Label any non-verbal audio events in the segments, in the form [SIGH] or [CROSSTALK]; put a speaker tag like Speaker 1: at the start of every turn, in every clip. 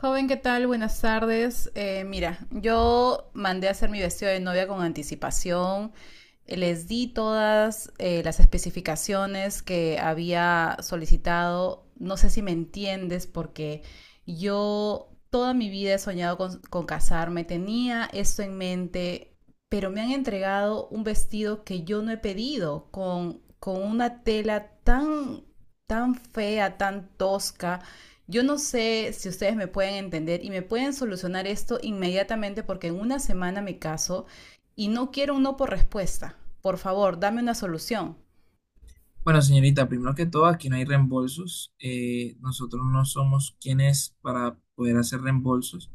Speaker 1: Joven, ¿qué tal? Buenas tardes. Mira, yo mandé a hacer mi vestido de novia con anticipación. Les di todas las especificaciones que había solicitado. No sé si me entiendes porque yo toda mi vida he soñado con casarme. Tenía esto en mente, pero me han entregado un vestido que yo no he pedido con una tela tan, tan fea, tan tosca. Yo no sé si ustedes me pueden entender y me pueden solucionar esto inmediatamente, porque en una semana me caso y no quiero un no por respuesta. Por favor, dame una solución.
Speaker 2: Bueno, señorita, primero que todo, aquí no hay reembolsos. Nosotros no somos quienes para poder hacer reembolsos.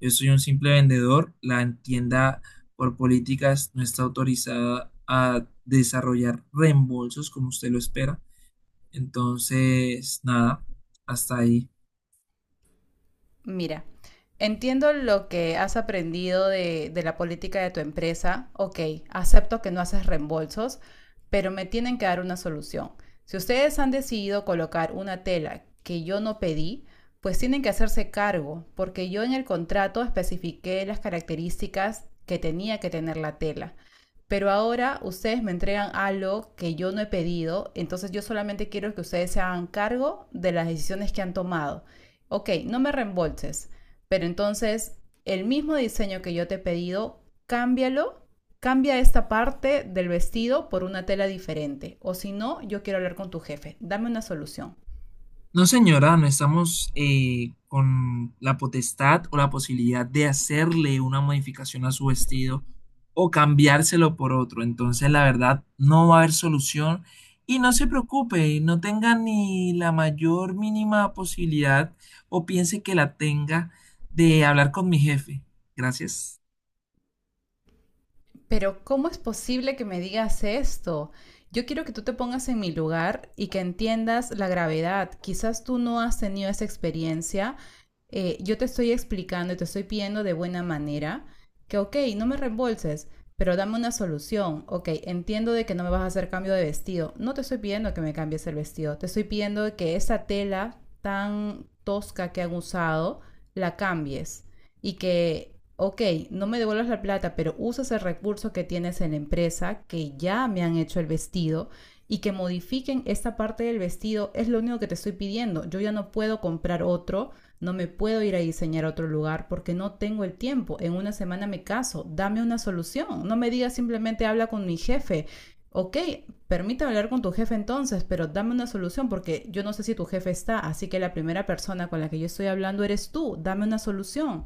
Speaker 2: Yo soy un simple vendedor. La tienda por políticas no está autorizada a desarrollar reembolsos como usted lo espera. Entonces, nada, hasta ahí.
Speaker 1: Mira, entiendo lo que has aprendido de la política de tu empresa. Ok, acepto que no haces reembolsos, pero me tienen que dar una solución. Si ustedes han decidido colocar una tela que yo no pedí, pues tienen que hacerse cargo, porque yo en el contrato especifiqué las características que tenía que tener la tela. Pero ahora ustedes me entregan algo que yo no he pedido, entonces yo solamente quiero que ustedes se hagan cargo de las decisiones que han tomado. Ok, no me reembolses, pero entonces el mismo diseño que yo te he pedido, cámbialo, cambia esta parte del vestido por una tela diferente, o si no, yo quiero hablar con tu jefe, dame una solución.
Speaker 2: No, señora, no estamos con la potestad o la posibilidad de hacerle una modificación a su vestido o cambiárselo por otro. Entonces, la verdad, no va a haber solución y no se preocupe, no tenga ni la mayor mínima posibilidad o piense que la tenga de hablar con mi jefe. Gracias.
Speaker 1: Pero ¿cómo es posible que me digas esto? Yo quiero que tú te pongas en mi lugar y que entiendas la gravedad. Quizás tú no has tenido esa experiencia. Yo te estoy explicando y te estoy pidiendo de buena manera que, ok, no me reembolses, pero dame una solución. Ok, entiendo de que no me vas a hacer cambio de vestido. No te estoy pidiendo que me cambies el vestido. Te estoy pidiendo que esa tela tan tosca que han usado la cambies y que, ok, no me devuelvas la plata, pero usas el recurso que tienes en la empresa, que ya me han hecho el vestido, y que modifiquen esta parte del vestido, es lo único que te estoy pidiendo. Yo ya no puedo comprar otro, no me puedo ir a diseñar a otro lugar porque no tengo el tiempo. En una semana me caso, dame una solución. No me digas simplemente habla con mi jefe. Ok, permítame hablar con tu jefe entonces, pero dame una solución, porque yo no sé si tu jefe está, así que la primera persona con la que yo estoy hablando eres tú, dame una solución.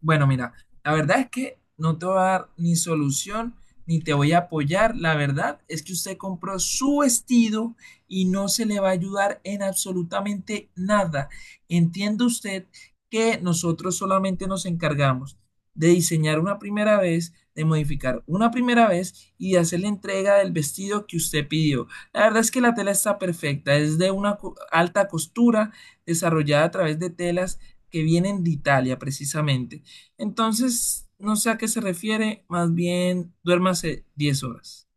Speaker 2: Bueno, mira, la verdad es que no te voy a dar ni solución ni te voy a apoyar. La verdad es que usted compró su vestido y no se le va a ayudar en absolutamente nada. Entiende usted que nosotros solamente nos encargamos de diseñar una primera vez, de modificar una primera vez y de hacer la entrega del vestido que usted pidió. La verdad es que la tela está perfecta, es de una alta costura desarrollada a través de telas que vienen de Italia precisamente. Entonces, no sé a qué se refiere, más bien duérmase 10 horas.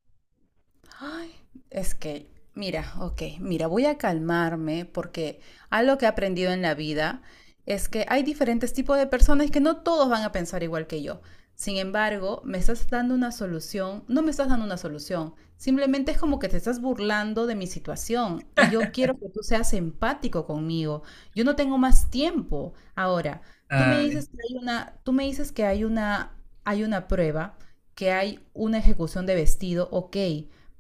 Speaker 1: Ay, es que, mira, ok, mira, voy a calmarme porque algo que he aprendido en la vida es que hay diferentes tipos de personas que no todos van a pensar igual que yo. Sin embargo, me estás dando una solución, no me estás dando una solución, simplemente es como que te estás burlando de mi situación y yo quiero que tú seas empático conmigo. Yo no tengo más tiempo. Ahora, tú me
Speaker 2: Ay.
Speaker 1: dices que hay una, tú me dices que hay una prueba, que hay una ejecución de vestido, ok,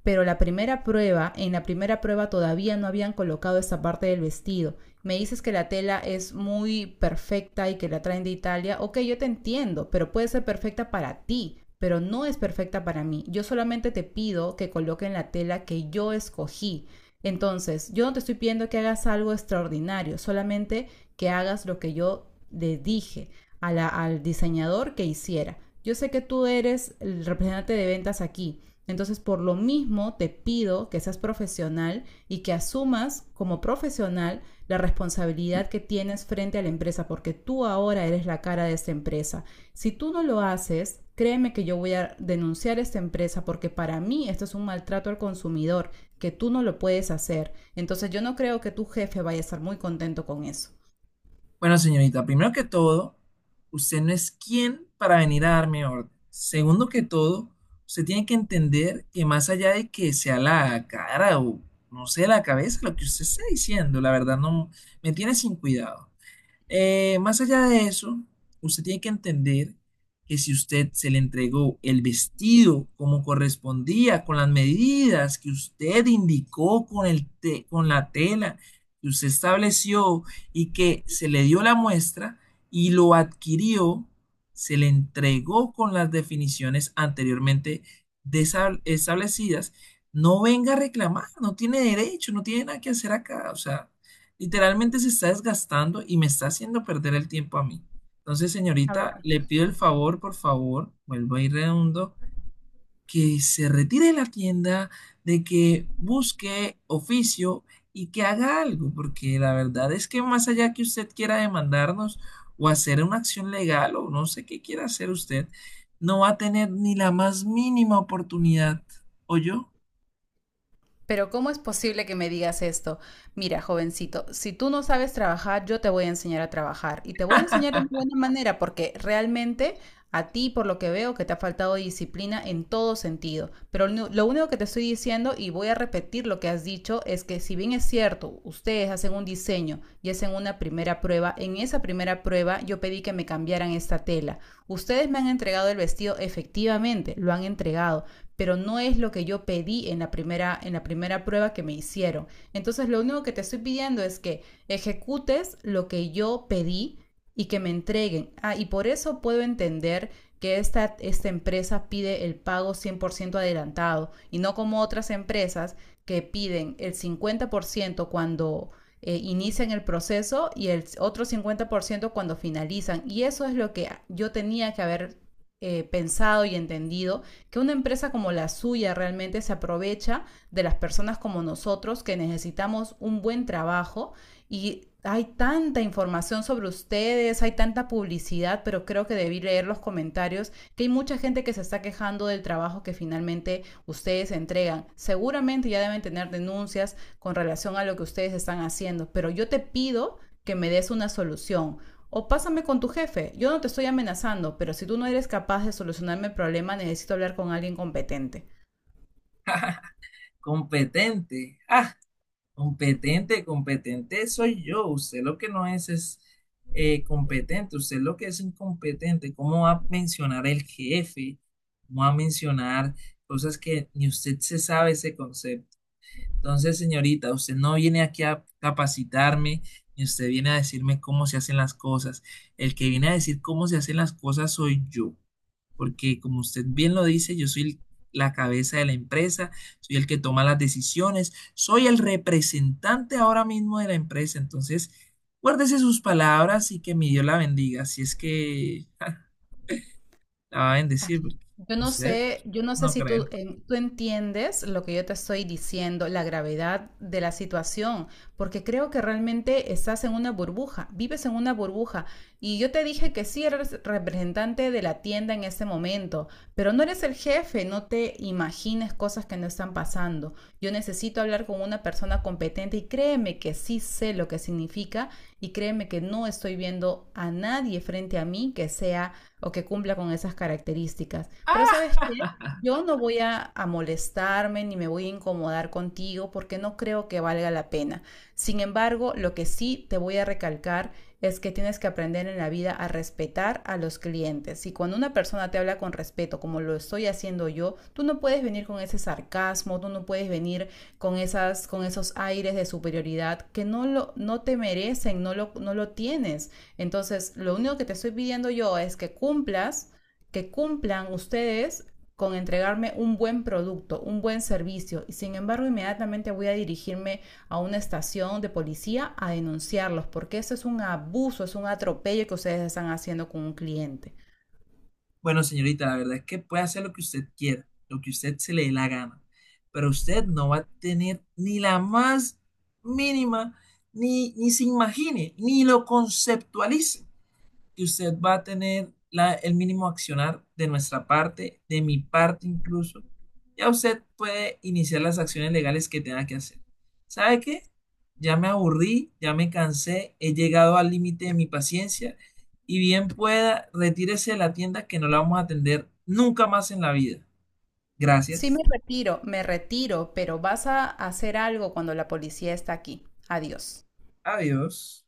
Speaker 1: pero en la primera prueba todavía no habían colocado esa parte del vestido. Me dices que la tela es muy perfecta y que la traen de Italia. Ok, yo te entiendo, pero puede ser perfecta para ti, pero no es perfecta para mí. Yo solamente te pido que coloquen la tela que yo escogí. Entonces, yo no te estoy pidiendo que hagas algo extraordinario, solamente que hagas lo que yo le dije al diseñador que hiciera. Yo sé que tú eres el representante de ventas aquí, entonces, por lo mismo, te pido que seas profesional y que asumas como profesional la responsabilidad que tienes frente a la empresa, porque tú ahora eres la cara de esta empresa. Si tú no lo haces, créeme que yo voy a denunciar a esta empresa, porque para mí esto es un maltrato al consumidor, que tú no lo puedes hacer. Entonces, yo no creo que tu jefe vaya a estar muy contento con eso.
Speaker 2: Bueno, señorita, primero que todo, usted no es quien para venir a darme orden. Segundo que todo, usted tiene que entender que más allá de que sea la cara o no sé, la cabeza, lo que usted está diciendo, la verdad no me tiene sin cuidado. Más allá de eso, usted tiene que entender que si usted se le entregó el vestido como correspondía, con las medidas que usted indicó con el con la tela que usted estableció y que se le dio la muestra y lo adquirió, se le entregó con las definiciones anteriormente establecidas, no venga a reclamar, no tiene derecho, no tiene nada que hacer acá, o sea. Literalmente se está desgastando y me está haciendo perder el tiempo a mí. Entonces, señorita, le pido el favor, por favor, vuelvo a ir redondo, que se retire de la tienda, de que busque oficio y que haga algo, porque la verdad es que más allá que usted quiera demandarnos o hacer una acción legal o no sé qué quiera hacer usted, no va a tener ni la más mínima oportunidad. ¿O yo?
Speaker 1: Pero ¿cómo es posible que me digas esto? Mira, jovencito, si tú no sabes trabajar, yo te voy a enseñar a trabajar y te voy a enseñar de una buena manera, porque realmente a ti, por lo que veo, que te ha faltado disciplina en todo sentido. Pero lo único que te estoy diciendo, y voy a repetir lo que has dicho, es que si bien es cierto, ustedes hacen un diseño y hacen una primera prueba, en esa primera prueba yo pedí que me cambiaran esta tela. Ustedes me han entregado el vestido, efectivamente, lo han entregado, pero no es lo que yo pedí en en la primera prueba que me hicieron. Entonces lo único que te estoy pidiendo es que ejecutes lo que yo pedí y que me entreguen. Ah, y por eso puedo entender que esta empresa pide el pago 100% adelantado y no como otras empresas que piden el 50% cuando inician el proceso y el otro 50% cuando finalizan. Y eso es lo que yo tenía que haber pensado y entendido, que una empresa como la suya realmente se aprovecha de las personas como nosotros que necesitamos un buen trabajo, y hay tanta información sobre ustedes, hay tanta publicidad, pero creo que debí leer los comentarios, que hay mucha gente que se está quejando del trabajo que finalmente ustedes entregan. Seguramente ya deben tener denuncias con relación a lo que ustedes están haciendo, pero yo te pido que me des una solución. O pásame con tu jefe. Yo no te estoy amenazando, pero si tú no eres capaz de solucionarme el problema, necesito hablar con alguien competente.
Speaker 2: Competente. Ah. Competente, competente soy yo. Usted lo que no es es competente, usted lo que es incompetente. ¿Cómo va a mencionar el jefe? ¿Cómo va a mencionar cosas que ni usted se sabe ese concepto? Entonces, señorita, usted no viene aquí a capacitarme, ni usted viene a decirme cómo se hacen las cosas. El que viene a decir cómo se hacen las cosas soy yo porque como usted bien lo dice, yo soy la cabeza de la empresa, soy el que toma las decisiones, soy el representante ahora mismo de la empresa, entonces guárdese sus palabras y que mi Dios la bendiga, si es que [LAUGHS] ja, la va a bendecir, porque usted
Speaker 1: Yo no sé
Speaker 2: no
Speaker 1: si tú,
Speaker 2: cree.
Speaker 1: tú entiendes lo que yo te estoy diciendo, la gravedad de la situación, porque creo que realmente estás en una burbuja, vives en una burbuja. Y yo te dije que sí eres representante de la tienda en este momento, pero no eres el jefe, no te imagines cosas que no están pasando. Yo necesito hablar con una persona competente y créeme que sí sé lo que significa y créeme que no estoy viendo a nadie frente a mí que sea o que cumpla con esas características. Pero ¿sabes
Speaker 2: Ah,
Speaker 1: qué? Yo no voy a molestarme ni me voy a incomodar contigo porque no creo que valga la pena. Sin embargo, lo que sí te voy a recalcar es que tienes que aprender en la vida a respetar a los clientes. Y cuando una persona te habla con respeto, como lo estoy haciendo yo, tú no puedes venir con ese sarcasmo, tú no puedes venir con con esos aires de superioridad que no te merecen, no lo tienes. Entonces, lo único que te estoy pidiendo yo es que cumplas que cumplan ustedes con entregarme un buen producto, un buen servicio, y sin embargo inmediatamente voy a dirigirme a una estación de policía a denunciarlos, porque eso es un abuso, es un atropello que ustedes están haciendo con un cliente.
Speaker 2: bueno, señorita, la verdad es que puede hacer lo que usted quiera, lo que usted se le dé la gana, pero usted no va a tener ni la más mínima, ni se imagine, ni lo conceptualice que usted va a tener el mínimo accionar de nuestra parte, de mi parte incluso. Ya usted puede iniciar las acciones legales que tenga que hacer. ¿Sabe qué? Ya me aburrí, ya me cansé, he llegado al límite de mi paciencia y bien pueda, retírese de la tienda que no la vamos a atender nunca más en la vida.
Speaker 1: Sí
Speaker 2: Gracias.
Speaker 1: me retiro, pero vas a hacer algo cuando la policía está aquí. Adiós.
Speaker 2: Adiós.